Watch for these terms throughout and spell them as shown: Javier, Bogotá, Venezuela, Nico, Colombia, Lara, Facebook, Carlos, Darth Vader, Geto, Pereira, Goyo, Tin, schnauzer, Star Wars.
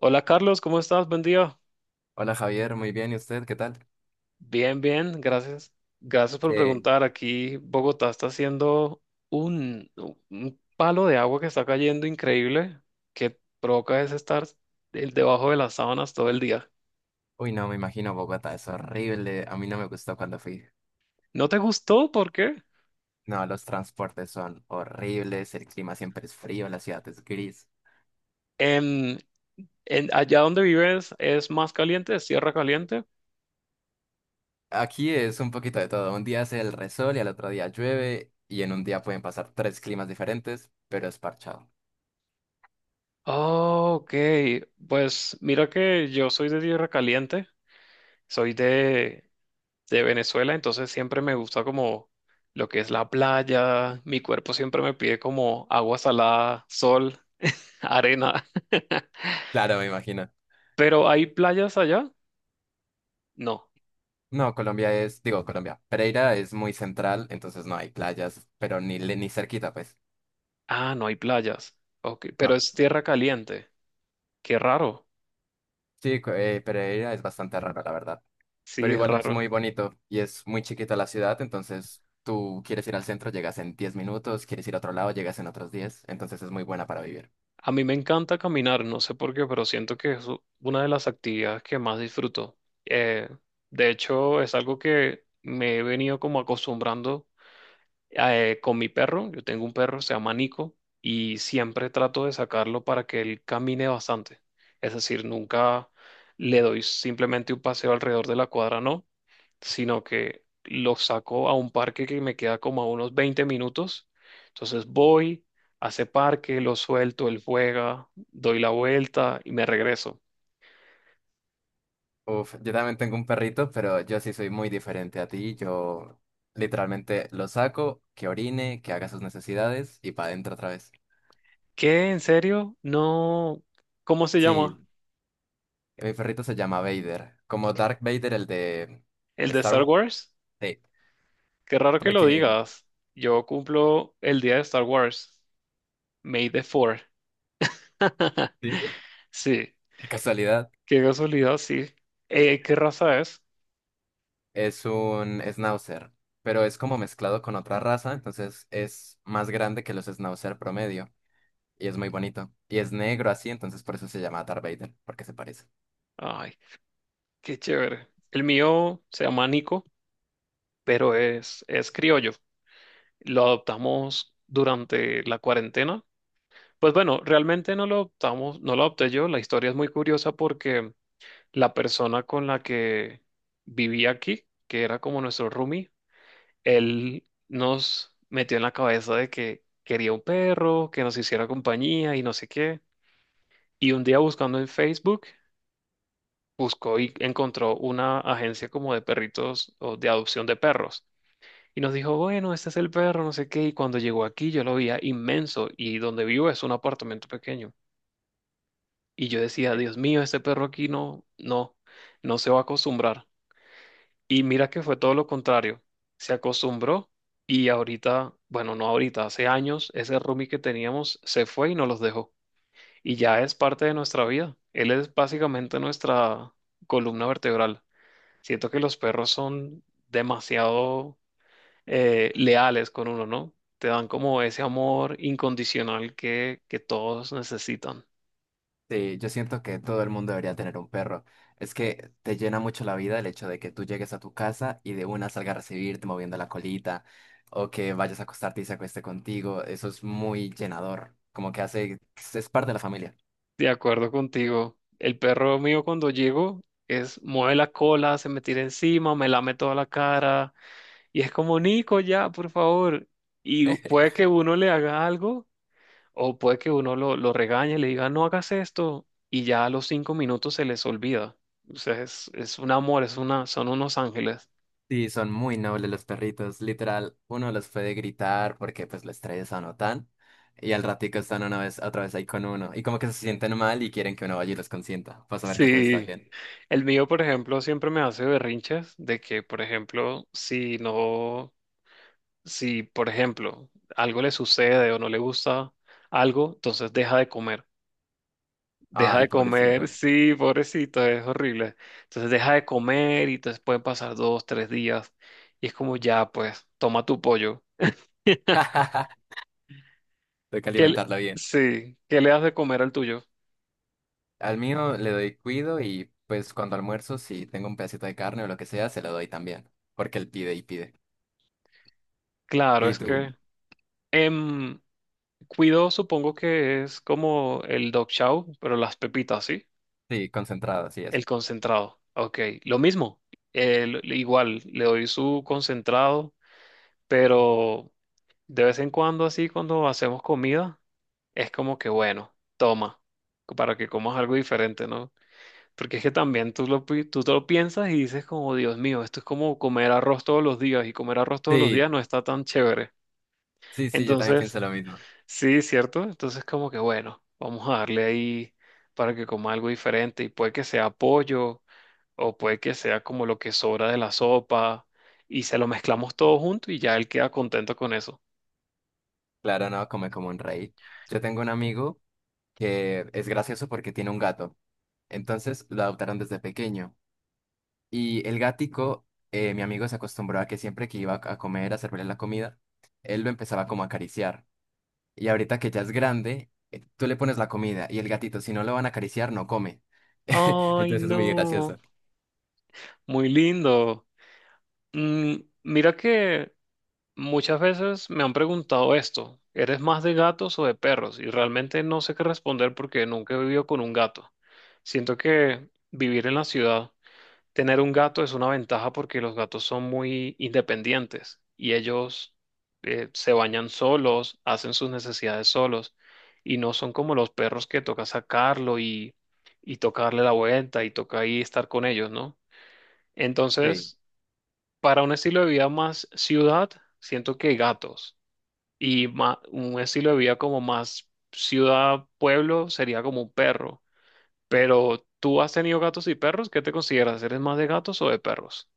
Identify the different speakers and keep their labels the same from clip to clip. Speaker 1: Hola Carlos, ¿cómo estás? Buen día.
Speaker 2: Hola Javier, muy bien, ¿y usted qué tal?
Speaker 1: Bien, bien, gracias. Gracias por
Speaker 2: Eh,
Speaker 1: preguntar. Aquí Bogotá está haciendo un, un palo de agua que está cayendo increíble, que provoca es estar debajo de las sábanas todo el día.
Speaker 2: uy, no, me imagino Bogotá, es horrible, a mí no me gustó cuando fui.
Speaker 1: ¿No te gustó? ¿Por qué?
Speaker 2: No, los transportes son horribles, el clima siempre es frío, la ciudad es gris.
Speaker 1: En, Allá donde vives es más caliente, es tierra caliente.
Speaker 2: Aquí es un poquito de todo, un día hace el resol y al otro día llueve y en un día pueden pasar tres climas diferentes, pero es parchado.
Speaker 1: Oh, ok, pues mira que yo soy de tierra caliente, soy de Venezuela, entonces siempre me gusta como lo que es la playa, mi cuerpo siempre me pide como agua salada, sol, arena.
Speaker 2: Claro, me imagino.
Speaker 1: ¿Pero hay playas allá? No.
Speaker 2: No, Colombia es, digo Colombia, Pereira es muy central, entonces no hay playas, pero ni, ni cerquita, pues.
Speaker 1: Ah, no hay playas. Ok, pero
Speaker 2: No,
Speaker 1: es tierra caliente. Qué raro.
Speaker 2: sí, Pereira es bastante raro, la verdad.
Speaker 1: Sí,
Speaker 2: Pero
Speaker 1: es
Speaker 2: igual es
Speaker 1: raro.
Speaker 2: muy bonito y es muy chiquita la ciudad, entonces tú quieres ir al centro, llegas en 10 minutos, quieres ir a otro lado, llegas en otros 10, entonces es muy buena para vivir.
Speaker 1: A mí me encanta caminar, no sé por qué, pero siento que es una de las actividades que más disfruto. Eh, de hecho, es algo que me he venido como acostumbrando con mi perro. Yo tengo un perro, se llama Nico, y siempre trato de sacarlo para que él camine bastante. Es decir, nunca le doy simplemente un paseo alrededor de la cuadra, no, sino que lo saco a un parque que me queda como a unos 20 minutos. Entonces voy, a ese parque, lo suelto, él juega, doy la vuelta y me regreso.
Speaker 2: Uf, yo también tengo un perrito, pero yo sí soy muy diferente a ti. Yo literalmente lo saco, que orine, que haga sus necesidades y para adentro otra vez.
Speaker 1: ¿Qué? ¿En serio? No. ¿Cómo se llama?
Speaker 2: Sí, mi perrito se llama Vader, como Dark Vader, el de
Speaker 1: ¿El de
Speaker 2: Star
Speaker 1: Star
Speaker 2: Wars.
Speaker 1: Wars?
Speaker 2: Sí,
Speaker 1: Qué raro que lo
Speaker 2: porque...
Speaker 1: digas. Yo cumplo el día de Star Wars, May the 4th.
Speaker 2: Sí.
Speaker 1: Sí,
Speaker 2: Qué casualidad.
Speaker 1: qué casualidad, sí. ¿Qué raza es?
Speaker 2: Es un schnauzer, pero es como mezclado con otra raza, entonces es más grande que los schnauzer promedio y es muy bonito. Y es negro así, entonces por eso se llama Darth Vader, porque se parece.
Speaker 1: Ay, qué chévere. El mío se llama Nico, pero es criollo. Lo adoptamos durante la cuarentena. Pues bueno, realmente no lo adoptamos, no lo adopté yo. La historia es muy curiosa porque la persona con la que viví aquí, que era como nuestro roomie, él nos metió en la cabeza de que quería un perro, que nos hiciera compañía y no sé qué. Y un día buscando en Facebook, buscó y encontró una agencia como de perritos o de adopción de perros. Y nos dijo, bueno, este es el perro, no sé qué. Y cuando llegó aquí yo lo veía inmenso y donde vivo es un apartamento pequeño. Y yo decía, Dios mío, este perro aquí no, no, no se va a acostumbrar. Y mira que fue todo lo contrario. Se acostumbró y ahorita, bueno, no ahorita, hace años, ese roomie que teníamos se fue y nos los dejó. Y ya es parte de nuestra vida. Él es básicamente nuestra columna vertebral. Siento que los perros son demasiado leales con uno, ¿no? Te dan como ese amor incondicional que todos necesitan.
Speaker 2: Sí, yo siento que todo el mundo debería tener un perro. Es que te llena mucho la vida el hecho de que tú llegues a tu casa y de una salga a recibirte moviendo la colita o que vayas a acostarte y se acueste contigo. Eso es muy llenador, como que hace, es parte de la familia.
Speaker 1: De acuerdo contigo. El perro mío cuando llego es mueve la cola, se me tira encima, me lame toda la cara. Y es como, Nico, ya, por favor. Y puede que uno le haga algo o puede que uno lo regañe, le diga, no hagas esto. Y ya a los 5 minutos se les olvida. O sea, es un amor, es una, son unos ángeles.
Speaker 2: Sí, son muy nobles los perritos. Literal, uno los puede gritar porque pues los tres notan. Y al ratico están una vez, otra vez ahí con uno. Y como que se sienten mal y quieren que uno vaya y los consienta. Para saber que todo está
Speaker 1: Sí.
Speaker 2: bien.
Speaker 1: El mío, por ejemplo, siempre me hace berrinches de que, por ejemplo, si no, si, por ejemplo, algo le sucede o no le gusta algo, entonces deja de comer. Deja
Speaker 2: Ay,
Speaker 1: de comer,
Speaker 2: pobrecito.
Speaker 1: sí, pobrecito, es horrible. Entonces deja de comer y entonces pueden pasar dos, tres días. Y es como ya, pues, toma tu pollo.
Speaker 2: Tengo que
Speaker 1: ¿Qué le-
Speaker 2: alimentarlo bien.
Speaker 1: sí, ¿qué le das de comer al tuyo?
Speaker 2: Al mío le doy cuido y pues cuando almuerzo, si tengo un pedacito de carne o lo que sea, se lo doy también. Porque él pide y pide.
Speaker 1: Claro,
Speaker 2: Y
Speaker 1: es
Speaker 2: tú,
Speaker 1: que em, cuido, supongo que es como el dog chow, pero las pepitas, ¿sí?
Speaker 2: sí, concentrado, así es.
Speaker 1: El concentrado. Ok, lo mismo. Igual, le doy su concentrado, pero de vez en cuando, así, cuando hacemos comida, es como que, bueno, toma, para que comas algo diferente, ¿no? Porque es que también tú te lo piensas y dices como, Dios mío, esto es como comer arroz todos los días y comer arroz todos los
Speaker 2: Sí,
Speaker 1: días no está tan chévere.
Speaker 2: sí, sí, yo también
Speaker 1: Entonces,
Speaker 2: pienso lo mismo.
Speaker 1: sí, ¿cierto? Entonces como que, bueno, vamos a darle ahí para que coma algo diferente y puede que sea pollo o puede que sea como lo que sobra de la sopa y se lo mezclamos todo junto y ya él queda contento con eso.
Speaker 2: Claro, no, come como un rey. Yo tengo un amigo que es gracioso porque tiene un gato. Entonces lo adoptaron desde pequeño. Y el gático, mi amigo se acostumbró a que siempre que iba a comer, a servirle la comida, él lo empezaba como a acariciar. Y ahorita que ya es grande, tú le pones la comida y el gatito, si no lo van a acariciar, no come.
Speaker 1: Ay,
Speaker 2: Entonces es muy
Speaker 1: no.
Speaker 2: gracioso.
Speaker 1: Muy lindo. Mm, Mira que muchas veces me han preguntado esto, ¿eres más de gatos o de perros? Y realmente no sé qué responder porque nunca he vivido con un gato. Siento que vivir en la ciudad, tener un gato es una ventaja porque los gatos son muy independientes y ellos se bañan solos, hacen sus necesidades solos y no son como los perros que toca sacarlo y tocarle la vuelta y toca ahí estar con ellos, ¿no?
Speaker 2: Sí,
Speaker 1: Entonces... Para un estilo de vida más ciudad, siento que gatos. Y un estilo de vida como más ciudad-pueblo sería como un perro. Pero tú has tenido gatos y perros, ¿qué te consideras? ¿Eres más de gatos o de perros?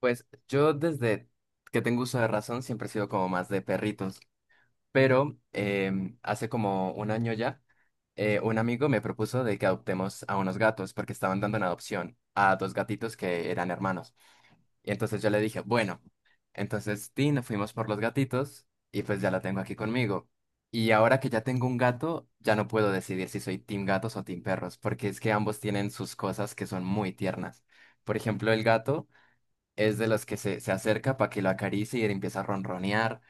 Speaker 2: pues yo desde que tengo uso de razón siempre he sido como más de perritos. Pero hace como 1 año ya, un amigo me propuso de que adoptemos a unos gatos porque estaban dando en adopción a dos gatitos que eran hermanos. Y entonces yo le dije, bueno, entonces Tin, fuimos por los gatitos y pues ya la tengo aquí conmigo. Y ahora que ya tengo un gato, ya no puedo decidir si soy team gatos o team perros, porque es que ambos tienen sus cosas que son muy tiernas. Por ejemplo, el gato es de los que se acerca para que lo acaricie y él empieza a ronronear.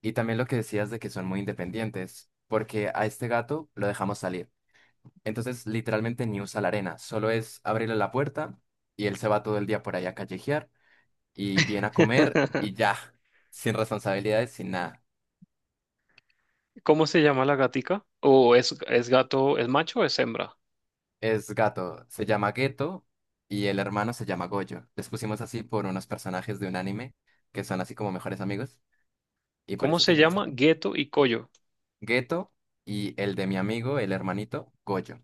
Speaker 2: Y también lo que decías de que son muy independientes, porque a este gato lo dejamos salir. Entonces, literalmente ni usa la arena, solo es abrirle la puerta y él se va todo el día por ahí a callejear y viene a comer y ya, sin responsabilidades, sin nada.
Speaker 1: ¿Cómo se llama la gatica? ¿O es gato, es macho o es hembra?
Speaker 2: Es gato, se llama Geto y el hermano se llama Goyo. Les pusimos así por unos personajes de un anime que son así como mejores amigos y por
Speaker 1: ¿Cómo
Speaker 2: eso
Speaker 1: se
Speaker 2: tienen ese...
Speaker 1: llama? Gueto y Coyo.
Speaker 2: Gueto, y el de mi amigo, el hermanito, Goyo.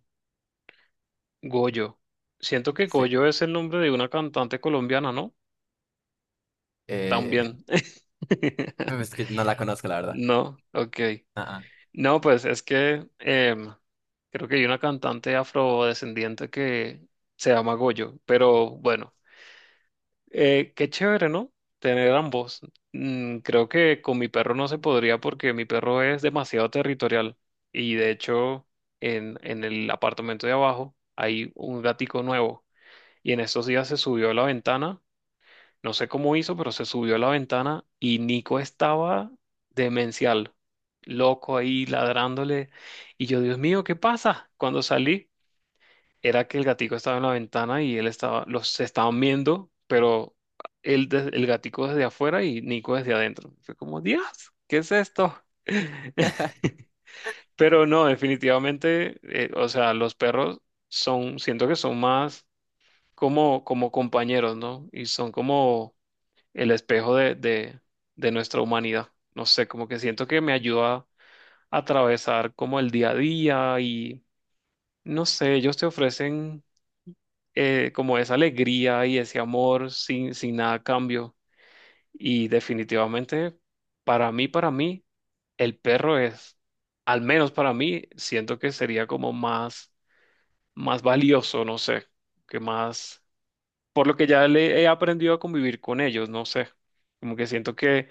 Speaker 1: Goyo. Siento que
Speaker 2: Sí.
Speaker 1: Goyo es el nombre de una cantante colombiana, ¿no?
Speaker 2: Eh,
Speaker 1: También.
Speaker 2: es que no la conozco, la verdad.
Speaker 1: No, ok.
Speaker 2: Ah,
Speaker 1: No, pues es que creo que hay una cantante afrodescendiente que se llama Goyo, pero bueno, qué chévere, ¿no? Tener ambos. Creo que con mi perro no se podría porque mi perro es demasiado territorial y de hecho en el apartamento de abajo hay un gatico nuevo y en estos días se subió a la ventana no sé cómo hizo, pero se subió a la ventana y Nico estaba demencial, loco ahí ladrándole. Y yo, Dios mío, ¿qué pasa? Cuando salí, era que el gatico estaba en la ventana y él estaba, los se estaban viendo, pero él, el gatico desde afuera y Nico desde adentro. Fue como, Dios, ¿qué es esto? Pero no, definitivamente, o sea, los perros son, siento que son más como compañeros, ¿no? Y son como el espejo de nuestra humanidad. No sé, como que siento que me ayuda a atravesar como el día a día y no sé, ellos te ofrecen como esa alegría y ese amor sin nada a cambio. Y definitivamente, para mí, el perro es, al menos para mí, siento que sería como más, valioso, no sé, que más, por lo que ya le he aprendido a convivir con ellos, no sé, como que siento que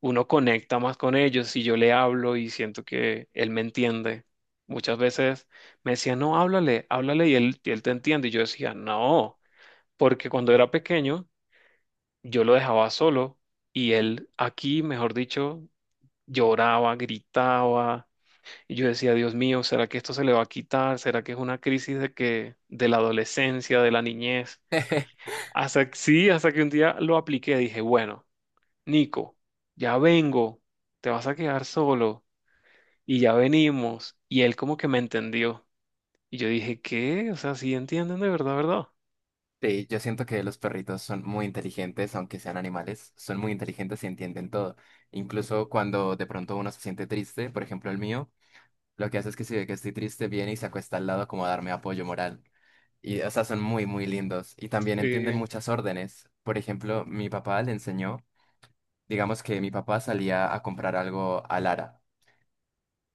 Speaker 1: uno conecta más con ellos y yo le hablo y siento que él me entiende. Muchas veces me decía, no, háblale, háblale y él te entiende. Y yo decía, no, porque cuando era pequeño yo lo dejaba solo y él aquí, mejor dicho, lloraba, gritaba. Y yo decía, Dios mío, ¿será que esto se le va a quitar? ¿Será que es una crisis de la adolescencia, de la niñez?
Speaker 2: ah.
Speaker 1: Sí, hasta que un día lo apliqué, dije, bueno, Nico, ya vengo, te vas a quedar solo. Y ya venimos. Y él como que me entendió. Y yo dije, ¿qué? O sea, sí entienden de verdad, ¿verdad?
Speaker 2: Sí, yo siento que los perritos son muy inteligentes, aunque sean animales, son muy inteligentes y entienden todo. Incluso cuando de pronto uno se siente triste, por ejemplo el mío, lo que hace es que si ve que estoy triste, viene y se acuesta al lado como a darme apoyo moral. Y, o sea, son muy, muy lindos. Y también entienden
Speaker 1: Eh,
Speaker 2: muchas órdenes. Por ejemplo, mi papá le enseñó, digamos que mi papá salía a comprar algo a Lara.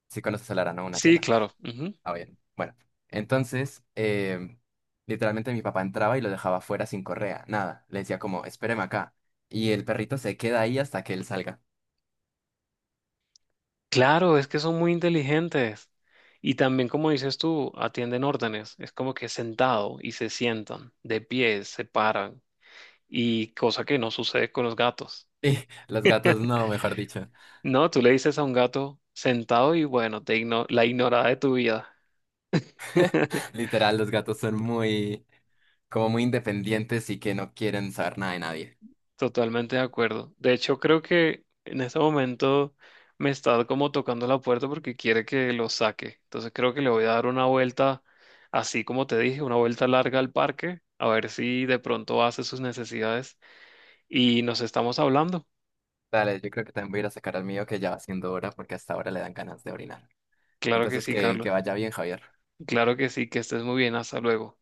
Speaker 2: Si conoces a Lara, ¿no? Una
Speaker 1: sí,
Speaker 2: tienda.
Speaker 1: claro. Ujú.
Speaker 2: Ah, bien. Bueno, entonces, literalmente mi papá entraba y lo dejaba afuera sin correa, nada. Le decía como, espéreme acá. Y el perrito se queda ahí hasta que él salga.
Speaker 1: Claro, es que son muy inteligentes. Y también, como dices tú, atienden órdenes. Es como que sentado y se sientan, de pie, se paran. Y cosa que no sucede con los gatos.
Speaker 2: Y los gatos no, mejor dicho.
Speaker 1: No, tú le dices a un gato sentado y bueno, la ignorada de tu vida.
Speaker 2: Literal, los gatos son muy, como muy independientes y que no quieren saber nada de nadie.
Speaker 1: Totalmente de acuerdo. De hecho, creo que en este momento me está como tocando la puerta porque quiere que lo saque. Entonces creo que le voy a dar una vuelta, así como te dije, una vuelta larga al parque, a ver si de pronto hace sus necesidades y nos estamos hablando.
Speaker 2: Dale, yo creo que también voy a ir a sacar al mío que ya va siendo hora porque hasta ahora le dan ganas de orinar.
Speaker 1: Claro que
Speaker 2: Entonces,
Speaker 1: sí,
Speaker 2: que
Speaker 1: Carlos.
Speaker 2: vaya bien, Javier.
Speaker 1: Claro que sí, que estés muy bien. Hasta luego.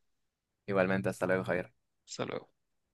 Speaker 2: Igualmente, hasta luego, Javier.
Speaker 1: Hasta luego.